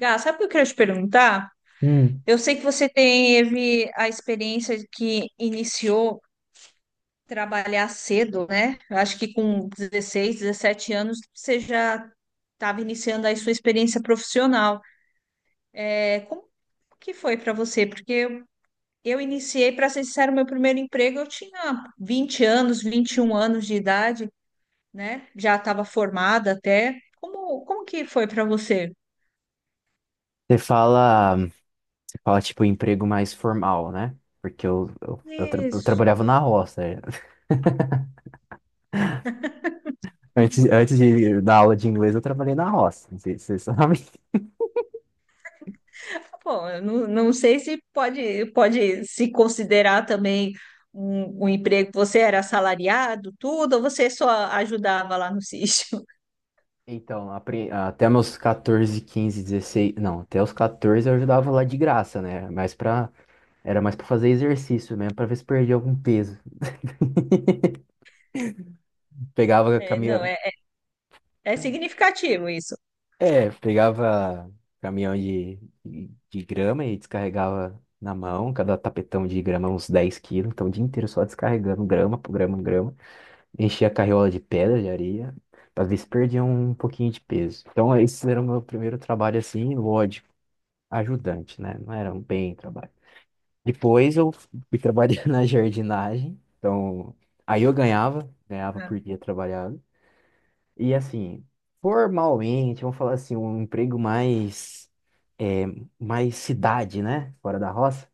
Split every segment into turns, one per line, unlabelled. Gá, sabe o que eu quero te perguntar?
Hum.
Eu sei que você teve a experiência de que iniciou trabalhar cedo, né? Eu acho que com 16, 17 anos você já estava iniciando aí sua experiência profissional. É, como que foi para você? Porque eu iniciei, para ser sincero, meu primeiro emprego eu tinha 20 anos, 21 anos de idade, né? Já estava formada até. Como que foi para você?
Você fala tipo emprego mais formal, né? Porque eu
Isso.
trabalhava na roça. É. Antes de da aula de inglês, eu trabalhei na roça. Você sabe?
Tá bom, eu não sei se pode se considerar também um emprego. Você era assalariado, tudo, ou você só ajudava lá no sítio?
Então, até meus 14, 15 16 não, até os 14 eu ajudava lá de graça, né? Mas para era mais para fazer exercício mesmo, para ver se perdia algum peso. Pegava a
É, não,
caminha,
é significativo isso.
É, pegava caminhão de grama e descarregava na mão, cada tapetão de grama uns 10 quilos, então o dia inteiro só descarregando grama por grama. Enchia a carriola de pedra, de areia, pra ver se perdia um pouquinho de peso. Então esse era o meu primeiro trabalho assim, lógico, ajudante, né? Não era um bem trabalho. Depois eu fui trabalhar na jardinagem, então aí eu ganhava
Ah,
por dia trabalhado. E assim, formalmente, vamos falar assim, um emprego mais, é, mais cidade, né? Fora da roça,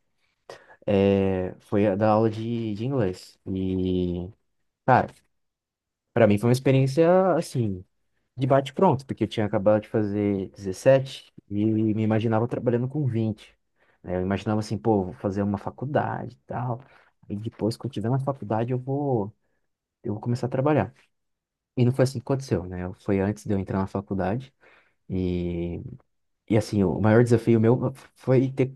foi a da aula de inglês. E, cara, pra mim foi uma experiência, assim, de bate-pronto, porque eu tinha acabado de fazer 17 e me imaginava trabalhando com 20, né? Eu imaginava assim, pô, vou fazer uma faculdade e tal. E depois, quando tiver na faculdade, eu vou começar a trabalhar. E não foi assim que aconteceu, né? Foi antes de eu entrar na faculdade. E E assim, o maior desafio meu foi ter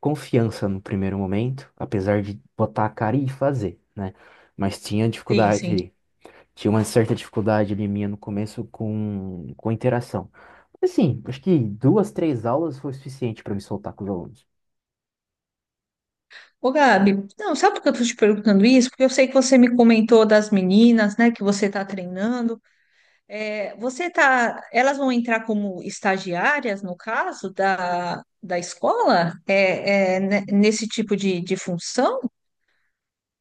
confiança no primeiro momento, apesar de botar a cara e fazer, né? Mas tinha
sim, sim.
dificuldade, tinha uma certa dificuldade ali minha no começo com interação. Assim, acho que duas, três aulas foi o suficiente para me soltar com os alunos.
Ô, Gabi, não, sabe por que eu tô te perguntando isso? Porque eu sei que você me comentou das meninas, né, que você tá treinando. É, você tá, elas vão entrar como estagiárias, no caso, da escola? Nesse tipo de função?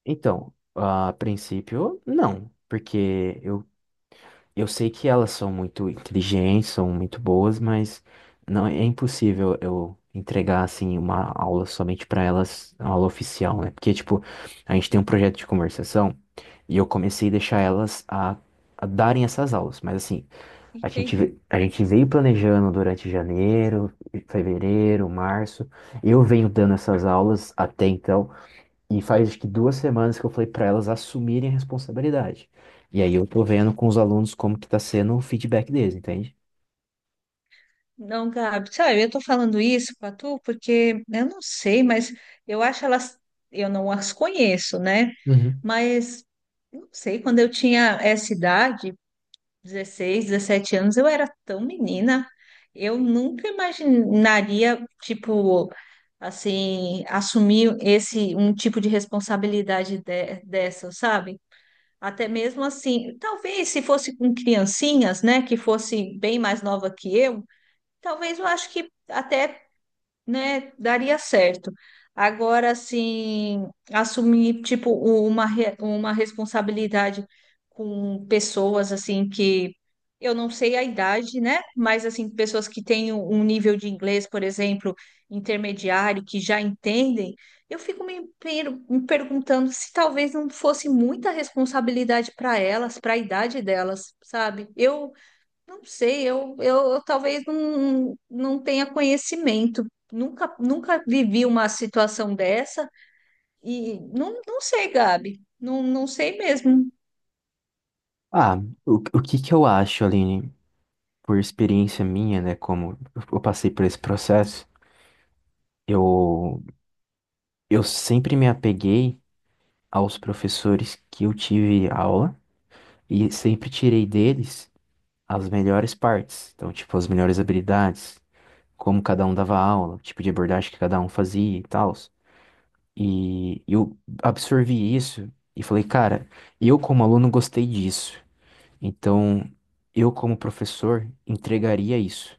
Então, a princípio, não, porque eu sei que elas são muito inteligentes, são muito boas, mas não é impossível eu entregar assim uma aula somente para elas, uma aula oficial, né? Porque tipo, a gente tem um projeto de conversação e eu comecei a deixar elas a darem essas aulas, mas assim, a gente
Entendi.
ve- a gente veio planejando durante janeiro, fevereiro, março. Eu venho dando essas aulas até então e faz acho que 2 semanas que eu falei para elas assumirem a responsabilidade. E aí eu tô vendo com os alunos como que tá sendo o feedback deles, entende?
Não, Gabi, sabe, eu tô falando isso pra tu porque eu não sei, mas eu acho elas, eu não as conheço, né?
Uhum.
Mas não sei, quando eu tinha essa idade, 16 17 anos, eu era tão menina, eu nunca imaginaria, tipo, assim, assumir esse um tipo de responsabilidade dessa, sabe? Até mesmo assim, talvez se fosse com criancinhas, né, que fosse bem mais nova que eu. Talvez eu acho que até, né, daria certo. Agora, assim, assumir, tipo, uma responsabilidade com pessoas, assim, que eu não sei a idade, né? Mas, assim, pessoas que têm um nível de inglês, por exemplo, intermediário, que já entendem, eu fico me perguntando se talvez não fosse muita responsabilidade para elas, para a idade delas, sabe? Eu não sei, eu talvez não tenha conhecimento. Nunca vivi uma situação dessa e não sei, Gabi. Não sei mesmo.
Ah, o que que eu acho, Aline, por experiência minha, né, como eu passei por esse processo, eu, eu sempre me apeguei aos professores que eu tive aula e sempre tirei deles as melhores partes, então, tipo, as melhores habilidades, como cada um dava aula, o tipo de abordagem que cada um fazia e tal. E eu absorvi isso e falei, cara, eu como aluno gostei disso. Então, eu como professor entregaria isso.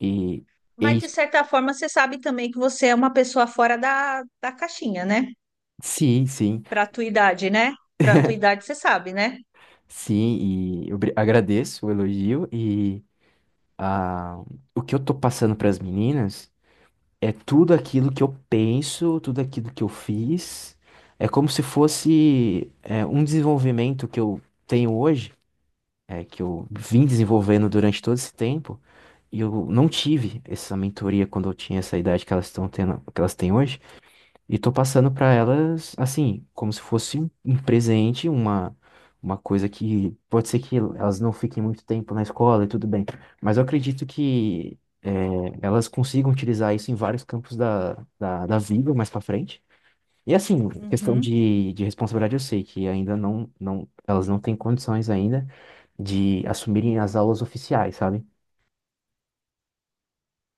E, é
Mas, de
isso.
certa forma, você sabe também que você é uma pessoa fora da caixinha, né?
Sim, sim,
Para a tua idade, né? Para a tua idade, você sabe, né?
sim. E eu agradeço o elogio e a, o que eu tô passando para as meninas é tudo aquilo que eu penso, tudo aquilo que eu fiz. É como se fosse um desenvolvimento que eu tenho hoje, que eu vim desenvolvendo durante todo esse tempo, e eu não tive essa mentoria quando eu tinha essa idade que elas estão tendo, que elas têm hoje, e tô passando para elas, assim, como se fosse um presente, uma coisa que pode ser que elas não fiquem muito tempo na escola e tudo bem, mas eu acredito que elas consigam utilizar isso em vários campos da, da vida mais para frente. E assim, questão
Uhum,
de responsabilidade, eu sei que ainda não, elas não têm condições ainda de assumirem as aulas oficiais, sabe?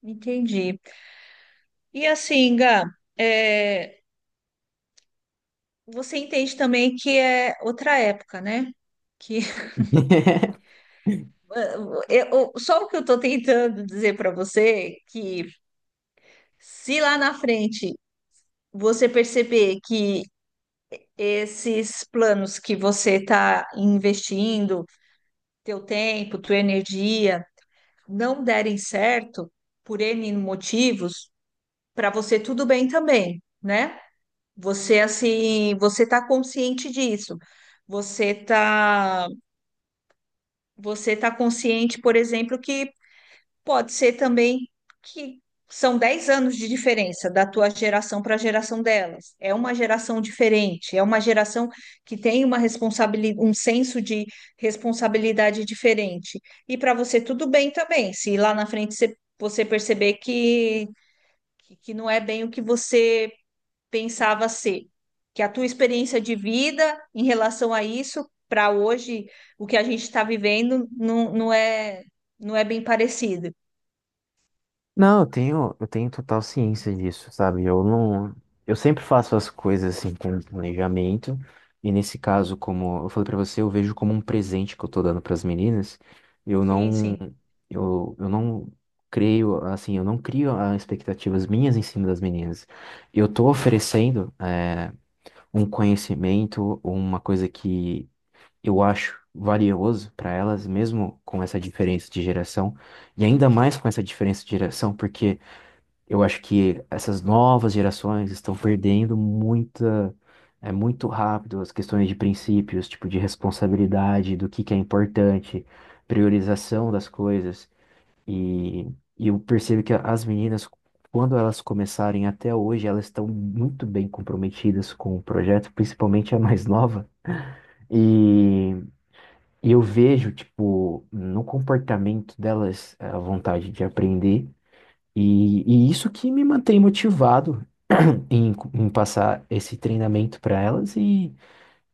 entendi. E assim, Gá, é, você entende também que é outra época, né? Que Eu, só o que eu estou tentando dizer para você é que se lá na frente você perceber que esses planos que você está investindo, teu tempo, tua energia, não derem certo por N motivos, para você tudo bem também, né? Você assim, você está consciente disso. Você tá, você tá consciente, por exemplo, que pode ser também que são 10 anos de diferença da tua geração para a geração delas. É uma geração diferente, é uma geração que tem uma responsabilidade, um senso de responsabilidade diferente. E para você tudo bem também, se lá na frente você perceber que não é bem o que você pensava ser, que a tua experiência de vida em relação a isso, para hoje, o que a gente está vivendo, não é bem parecido.
Não, eu tenho total ciência disso, sabe? Eu não, eu sempre faço as coisas assim com planejamento, e nesse caso, como eu falei pra você, eu vejo como um presente que eu tô dando pras meninas. Eu
Sim,
não,
sim,
eu não creio, assim, eu não crio expectativas minhas em cima das meninas. Eu tô oferecendo um conhecimento ou uma coisa que eu acho valioso para elas, mesmo com essa diferença de geração, e ainda mais com essa diferença de geração, porque eu acho que essas novas gerações estão perdendo muita, é muito rápido as questões de princípios, tipo de responsabilidade, do que é importante, priorização das coisas. E, e eu percebo que as meninas, quando elas começarem até hoje, elas estão muito bem comprometidas com o projeto, principalmente a mais nova. E, e eu vejo, tipo, no comportamento delas, a vontade de aprender. E isso que me mantém motivado em passar esse treinamento para elas. E,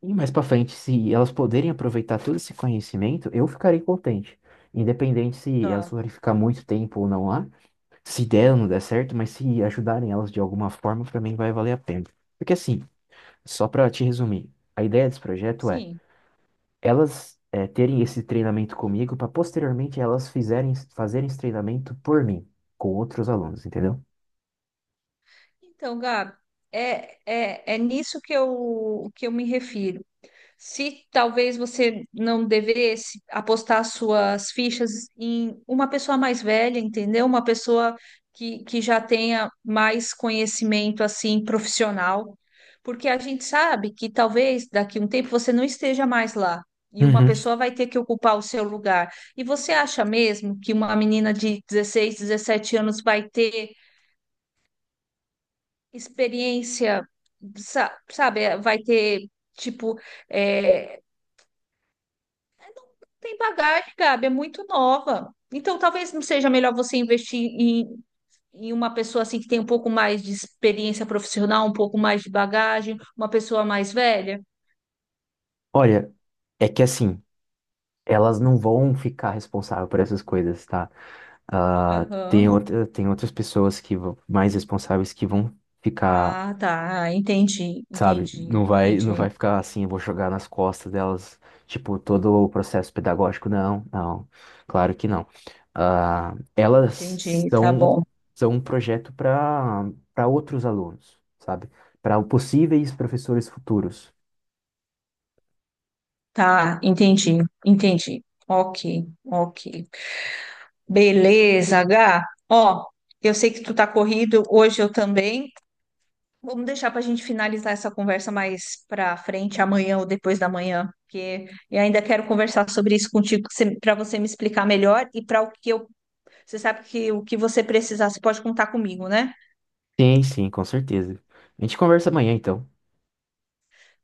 e mais para frente, se elas poderem aproveitar todo esse conhecimento, eu ficarei contente. Independente se elas
claro.
forem ficar muito tempo ou não lá. Se der ou não der certo, mas se ajudarem elas de alguma forma, pra mim vai valer a pena. Porque assim, só pra te resumir, a ideia desse projeto é
Sim.
elas terem esse treinamento comigo pra posteriormente elas fizerem, fazerem esse treinamento por mim, com outros alunos, entendeu?
Então, Gabi, é nisso que eu me refiro. Se talvez você não devesse apostar suas fichas em uma pessoa mais velha, entendeu? Uma pessoa que já tenha mais conhecimento assim profissional, porque a gente sabe que talvez daqui a um tempo você não esteja mais lá. E uma
Uhum.
pessoa vai ter que ocupar o seu lugar. E você acha mesmo que uma menina de 16 17 anos vai ter experiência, sa- sabe? Vai ter, tipo, é, tem bagagem, Gabi, é muito nova. Então, talvez não seja melhor você investir em uma pessoa assim que tem um pouco mais de experiência profissional, um pouco mais de bagagem, uma pessoa mais velha.
Olha, é que assim, elas não vão ficar responsáveis por essas coisas, tá? Ah, tem
Aham.
outra, tem outras pessoas que mais responsáveis que vão ficar,
Ah, tá. Entendi,
sabe?
entendi,
Não vai, não vai
entendi,
ficar assim, eu vou jogar nas costas delas, tipo, todo o processo pedagógico. Não, não, claro que não. Ah, elas
entendi. Tá
são,
bom.
são um projeto para outros alunos, sabe? Para possíveis professores futuros.
Tá, entendi, entendi. Ok, ok. Beleza, H. Ó, eu sei que tu tá corrido, hoje eu também. Vamos deixar para a gente finalizar essa conversa mais para frente, amanhã ou depois da manhã, porque eu ainda quero conversar sobre isso contigo, para você me explicar melhor e para o que eu. Você sabe que o que você precisar, você pode contar comigo, né?
Sim, sim, com certeza. A gente conversa amanhã, então.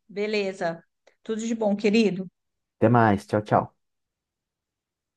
Beleza. Tudo de bom, querido.
Até mais, tchau, tchau.